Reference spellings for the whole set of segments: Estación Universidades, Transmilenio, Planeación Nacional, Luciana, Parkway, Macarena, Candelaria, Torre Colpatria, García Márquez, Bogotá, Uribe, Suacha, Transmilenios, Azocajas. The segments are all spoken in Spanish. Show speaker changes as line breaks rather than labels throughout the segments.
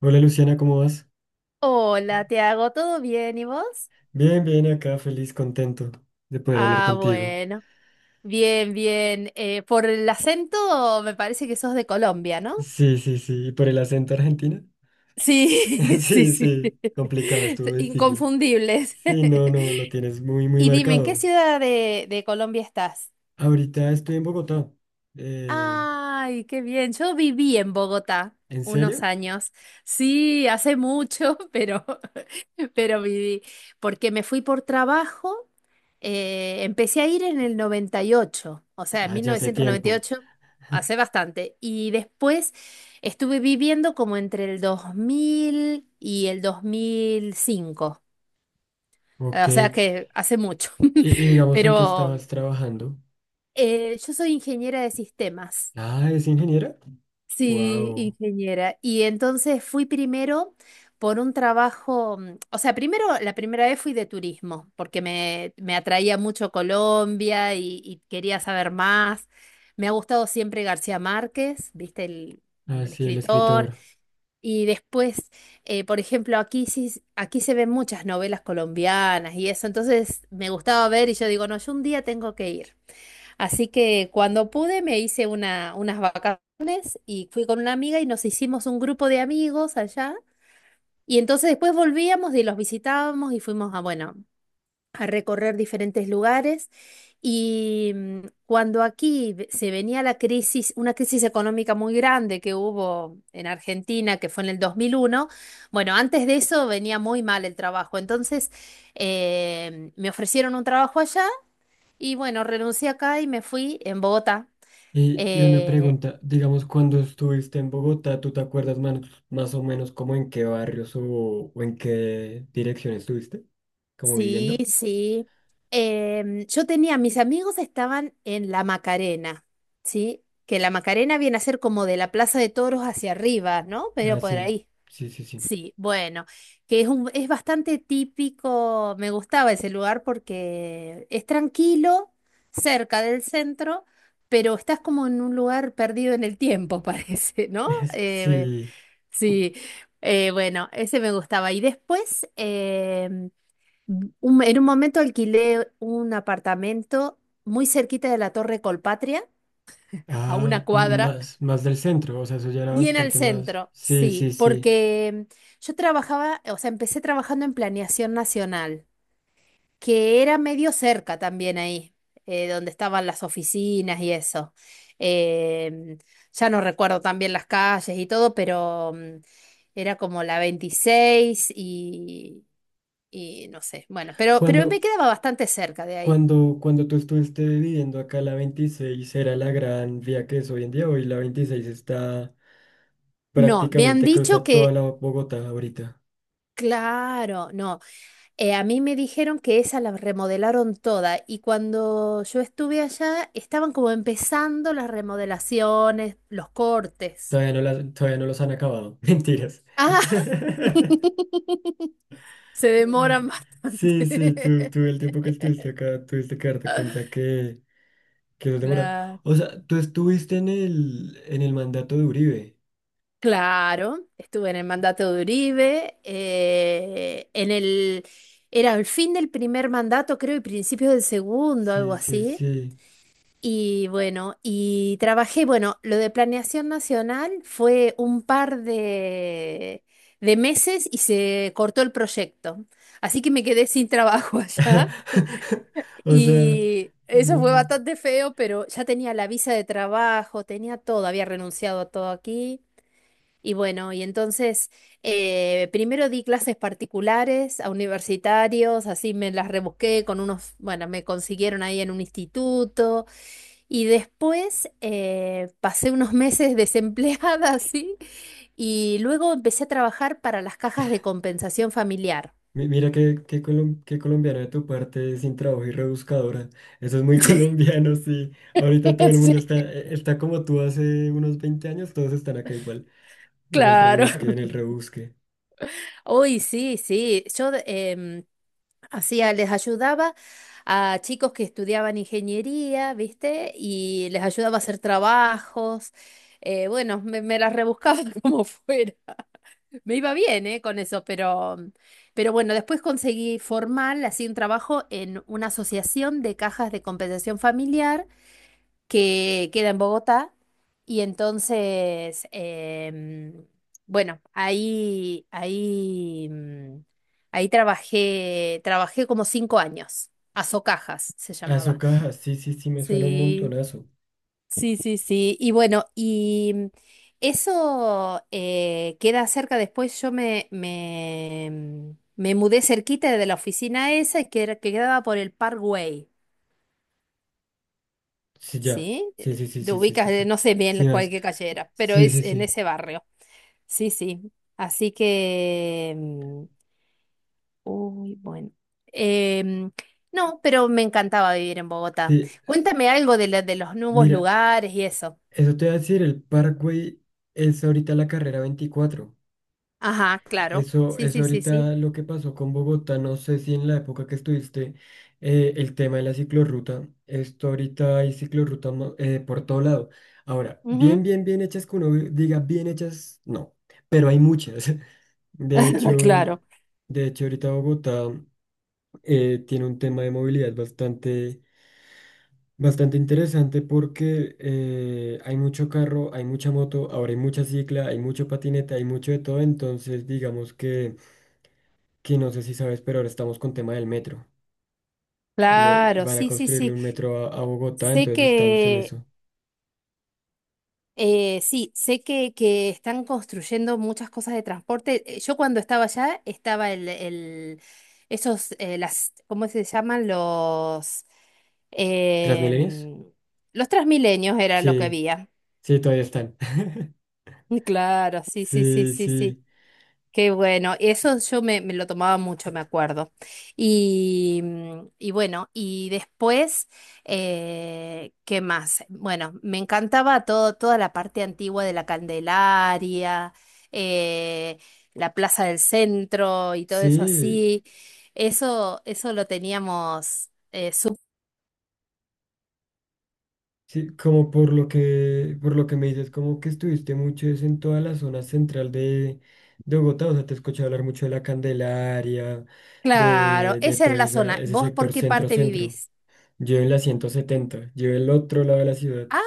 Hola, Luciana, ¿cómo vas?
Hola, te hago, ¿todo bien? ¿Y vos?
Bien, bien, acá feliz, contento de poder hablar
Ah,
contigo.
bueno, bien, bien. Por el acento me parece que sos de Colombia, ¿no?
Sí, sí, sí, ¿y por el acento argentino?
Sí, sí,
Sí,
sí.
sí, complicado, estuvo difícil.
Inconfundibles.
Sí, no, no, lo tienes muy, muy
Y dime, ¿en qué
marcado.
ciudad de Colombia estás?
Ahorita estoy en Bogotá. Eh,
Ay, qué bien. Yo viví en Bogotá
¿En
unos
serio?
años. Sí, hace mucho, pero viví. Porque me fui por trabajo. Empecé a ir en el 98, o sea, en
Ah,
mil
ya hace
novecientos noventa y
tiempo.
ocho, hace bastante. Y después estuve viviendo como entre el 2000 y el 2005.
Ok.
O sea que hace mucho.
Y digamos en qué
Pero
estabas trabajando?
yo soy ingeniera de sistemas.
Ah, ¿es ingeniera?
Sí,
Wow.
ingeniera. Y entonces fui primero por un trabajo, o sea, primero la primera vez fui de turismo, porque me atraía mucho Colombia y quería saber más. Me ha gustado siempre García Márquez, viste, el, bueno,
Ah,
el
sí, el
escritor.
escritor.
Y después, por ejemplo, aquí sí, aquí se ven muchas novelas colombianas y eso, entonces me gustaba ver y yo digo, no, yo un día tengo que ir. Así que cuando pude me hice una, unas vacaciones y fui con una amiga y nos hicimos un grupo de amigos allá. Y entonces después volvíamos y los visitábamos y fuimos a, bueno, a recorrer diferentes lugares. Y cuando aquí se venía la crisis, una crisis económica muy grande que hubo en Argentina, que fue en el 2001, bueno, antes de eso venía muy mal el trabajo. Entonces me ofrecieron un trabajo allá y bueno, renuncié acá y me fui en Bogotá.
Y una
Eh,
pregunta, digamos, cuando estuviste en Bogotá, ¿tú te acuerdas más, más o menos como en qué barrios o en qué dirección estuviste? ¿Como
sí,
viviendo?
sí. Yo tenía, mis amigos estaban en la Macarena, ¿sí? Que la Macarena viene a ser como de la Plaza de Toros hacia arriba, ¿no? Pero
Ah,
por
sí,
ahí.
sí, sí, sí.
Sí, bueno, que es un, es bastante típico, me gustaba ese lugar porque es tranquilo, cerca del centro, pero estás como en un lugar perdido en el tiempo, parece, ¿no?
Sí,
Sí, bueno, ese me gustaba. Y después, en un momento alquilé un apartamento muy cerquita de la Torre Colpatria, a
ah,
una cuadra,
más, más del centro, o sea, eso ya era
bien al
bastante más.
centro,
Sí,
sí,
sí, sí.
porque yo trabajaba, o sea, empecé trabajando en Planeación Nacional, que era medio cerca también ahí, donde estaban las oficinas y eso. Em, ya no recuerdo también las calles y todo, pero era como la 26 y no sé, bueno, pero me
Cuando,
quedaba bastante cerca de ahí.
cuando tú estuviste viviendo acá, la 26 era la gran vía que es hoy en día, hoy la 26 está
No, me han
prácticamente
dicho
cruza toda
que,
la Bogotá ahorita.
claro, no. A mí me dijeron que esa la remodelaron toda y cuando yo estuve allá estaban como empezando las remodelaciones, los cortes.
Todavía no las, todavía no los han acabado. Mentiras.
Ah, se demoran
Sí, sí, tú,
bastante.
tú el tiempo que estuviste acá, tuviste que darte cuenta que eso demora.
Claro.
O sea, tú estuviste en el mandato de Uribe.
Claro, estuve en el mandato de Uribe, en el, era el fin del primer mandato, creo, y principio del segundo, algo
Sí, sí,
así.
sí.
Y bueno, y trabajé, bueno, lo de planeación nacional fue un par de meses y se cortó el proyecto. Así que me quedé sin trabajo allá
O sea,
y eso fue
no.
bastante feo, pero ya tenía la visa de trabajo, tenía todo, había renunciado a todo aquí. Y bueno, y entonces primero di clases particulares a universitarios, así me las rebusqué con unos, bueno, me consiguieron ahí en un instituto. Y después pasé unos meses desempleada, así. Y luego empecé a trabajar para las cajas de compensación familiar.
Mira qué, qué, qué colombiano de tu parte, sin trabajo y rebuscadora. Eso es muy colombiano, sí.
Sí,
Ahorita todo el mundo está,
sí,
e, está como tú hace unos 20 años, todos están acá igual. En el
claro.
rebusque, en el rebusque.
Uy, sí, sí. Yo hacía, les ayudaba a chicos que estudiaban ingeniería, ¿viste? Y les ayudaba a hacer trabajos. Bueno, me, me las rebuscaba como fuera. Me iba bien, con eso, pero bueno, después conseguí formal, así un trabajo en una asociación de cajas de compensación familiar que queda en Bogotá. Y entonces, bueno, ahí trabajé, trabajé como 5 años. Azocajas se
Aso
llamaba.
caja, sí, sí, sí, me suena un
Sí.
montonazo.
Sí, sí, sí. Y bueno, y eso queda cerca. Después yo me, me mudé cerquita de la oficina esa y que, que quedaba por el Parkway,
Sí, ya.
¿sí?
Sí, sí, sí,
Te
sí, sí,
ubicas,
sí, sí.
no sé bien
Sí,
cuál
más.
qué calle era, pero
Sí,
es
sí,
en
sí.
ese barrio. Sí, sí. Así que, uy, bueno. Em, no, pero me encantaba vivir en Bogotá.
Sí,
Cuéntame algo de, de los nuevos
mira,
lugares y eso.
eso te voy a decir, el Parkway es ahorita la carrera veinticuatro.
Ajá, claro.
Eso,
Sí,
eso
sí, sí, sí.
ahorita lo que pasó con Bogotá, no sé si en la época que estuviste, el tema de la ciclorruta, esto ahorita hay ciclorruta por todo lado. Ahora, bien,
Ujú.
bien, bien hechas que uno diga bien hechas, no, pero hay muchas. De hecho,
Claro,
de hecho ahorita Bogotá tiene un tema de movilidad bastante, bastante interesante porque hay mucho carro, hay mucha moto, ahora hay mucha cicla, hay mucho patineta, hay mucho de todo, entonces digamos que no sé si sabes, pero ahora estamos con tema del metro. Le,
claro,
van a
sí, sí,
construirle
sí.
un metro a Bogotá,
Sé
entonces estamos en
que,
eso.
sí, sé que están construyendo muchas cosas de transporte. Yo cuando estaba allá estaba el, esos, las, ¿cómo se llaman? Los,
¿Transmilenios?
em, los Transmilenios era lo que
Sí,
había.
sí, todavía están.
Claro, sí, sí, sí,
Sí,
sí, sí.
sí,
Qué bueno, eso yo me, me lo tomaba mucho, me acuerdo. Y, y bueno, y después, ¿qué más? Bueno, me encantaba todo, toda la parte antigua de la Candelaria, eh, la Plaza del Centro y todo eso
sí.
así. Eso lo teníamos
Sí, como por lo que me dices, como que estuviste mucho es en toda la zona central de Bogotá, o sea, te he escuchado hablar mucho de la Candelaria,
Claro,
de
esa
todo
era la zona.
ese, ese
¿Vos por
sector
qué parte
centro-centro.
vivís?
Yo en la 170, yo el otro lado de la ciudad,
Ah,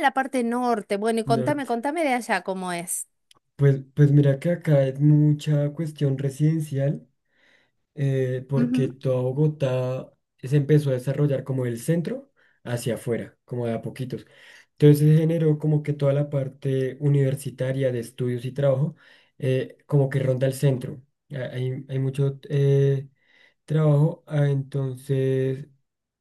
la parte norte. Bueno, y contame,
norte.
contame de allá cómo es.
Pues, pues mira que acá es mucha cuestión residencial. Eh, porque
Ujú.
toda Bogotá se empezó a desarrollar como el centro hacia afuera, como de a poquitos. Entonces se generó como que toda la parte universitaria de estudios y trabajo, como que ronda el centro. Ah, hay mucho trabajo, ah, entonces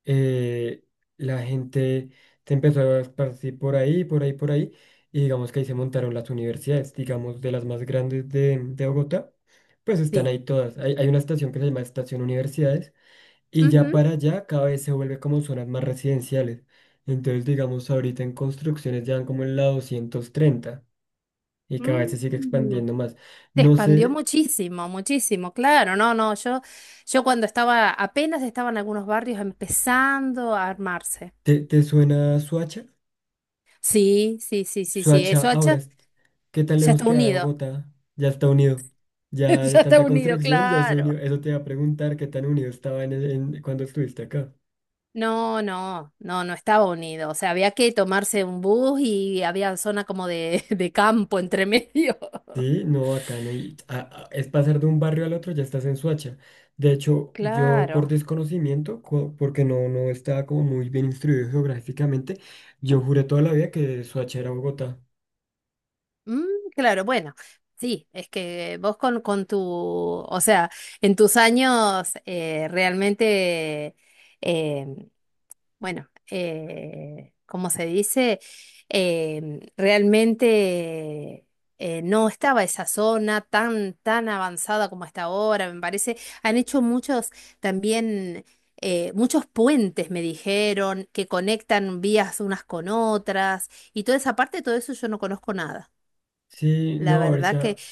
eh, la gente se empezó a esparcir por ahí, por ahí, por ahí, y digamos que ahí se montaron las universidades, digamos de las más grandes de Bogotá pues están
Sí.
ahí todas. Hay una estación que se llama Estación Universidades y ya
Ujú.
para allá cada vez se vuelve como zonas más residenciales. Entonces, digamos, ahorita en construcciones ya van como en la 230 y cada vez se sigue
Mm,
expandiendo más.
Se
No
expandió
sé,
muchísimo, muchísimo, claro, no, no, yo cuando estaba, apenas estaban algunos barrios empezando a armarse.
¿te, te suena Suacha?
Sí, sí, sí, sí, sí,
Suacha
eso
ahora,
ya,
es- ¿Qué tan
ya
lejos
está
queda de
unido,
Bogotá? Ya está unido. Ya de
ya está
tanta
unido,
construcción ya se
claro.
unió. Eso te va a preguntar ¿qué tan unido estaba en, cuando estuviste acá?
No, no, no, no estaba unido, o sea, había que tomarse un bus y había zona como de, de campo entre medio.
Sí, no, acá no. Es pasar de un barrio al otro, ya estás en Suacha. De hecho, yo por
Claro.
desconocimiento, porque no, no estaba como muy bien instruido geográficamente, yo juré toda la vida que Suacha era Bogotá.
Mm, claro, bueno, sí, es que vos con tu, o sea, en tus años realmente, eh, bueno, ¿cómo se dice? Realmente no estaba esa zona tan, tan avanzada como está ahora, me parece. Han hecho muchos también, muchos puentes, me dijeron, que conectan vías unas con otras, y toda esa parte, todo eso yo no conozco nada.
Sí,
La
no,
verdad que,
ahorita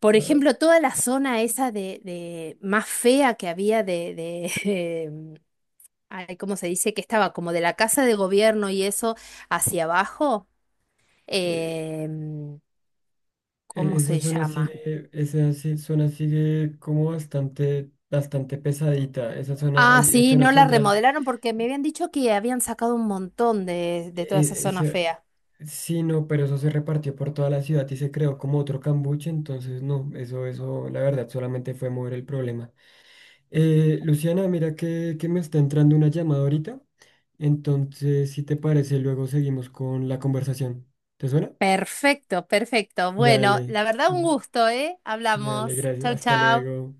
por
ah,
ejemplo, toda la zona esa de más fea que había de ay, ¿cómo se dice? Que estaba como de la casa de gobierno y eso hacia abajo.
eh,
em, ¿Cómo
esa
se
zona
llama?
sigue, esa si- zona sigue como bastante, bastante pesadita. Esa zona,
Ah,
hay, es
sí,
zona
no la
central
remodelaron porque me habían dicho que habían sacado un montón de toda esa
e-
zona
ese-
fea.
sí, no, pero eso se repartió por toda la ciudad y se creó como otro cambuche, entonces no, eso, la verdad, solamente fue mover el problema. Luciana, mira que me está entrando una llamada ahorita, entonces si te parece, luego seguimos con la conversación. ¿Te suena?
Perfecto, perfecto. Bueno,
Dale,
la verdad un gusto, ¿eh? Hablamos.
dale, gracias,
Chau,
hasta
chau.
luego.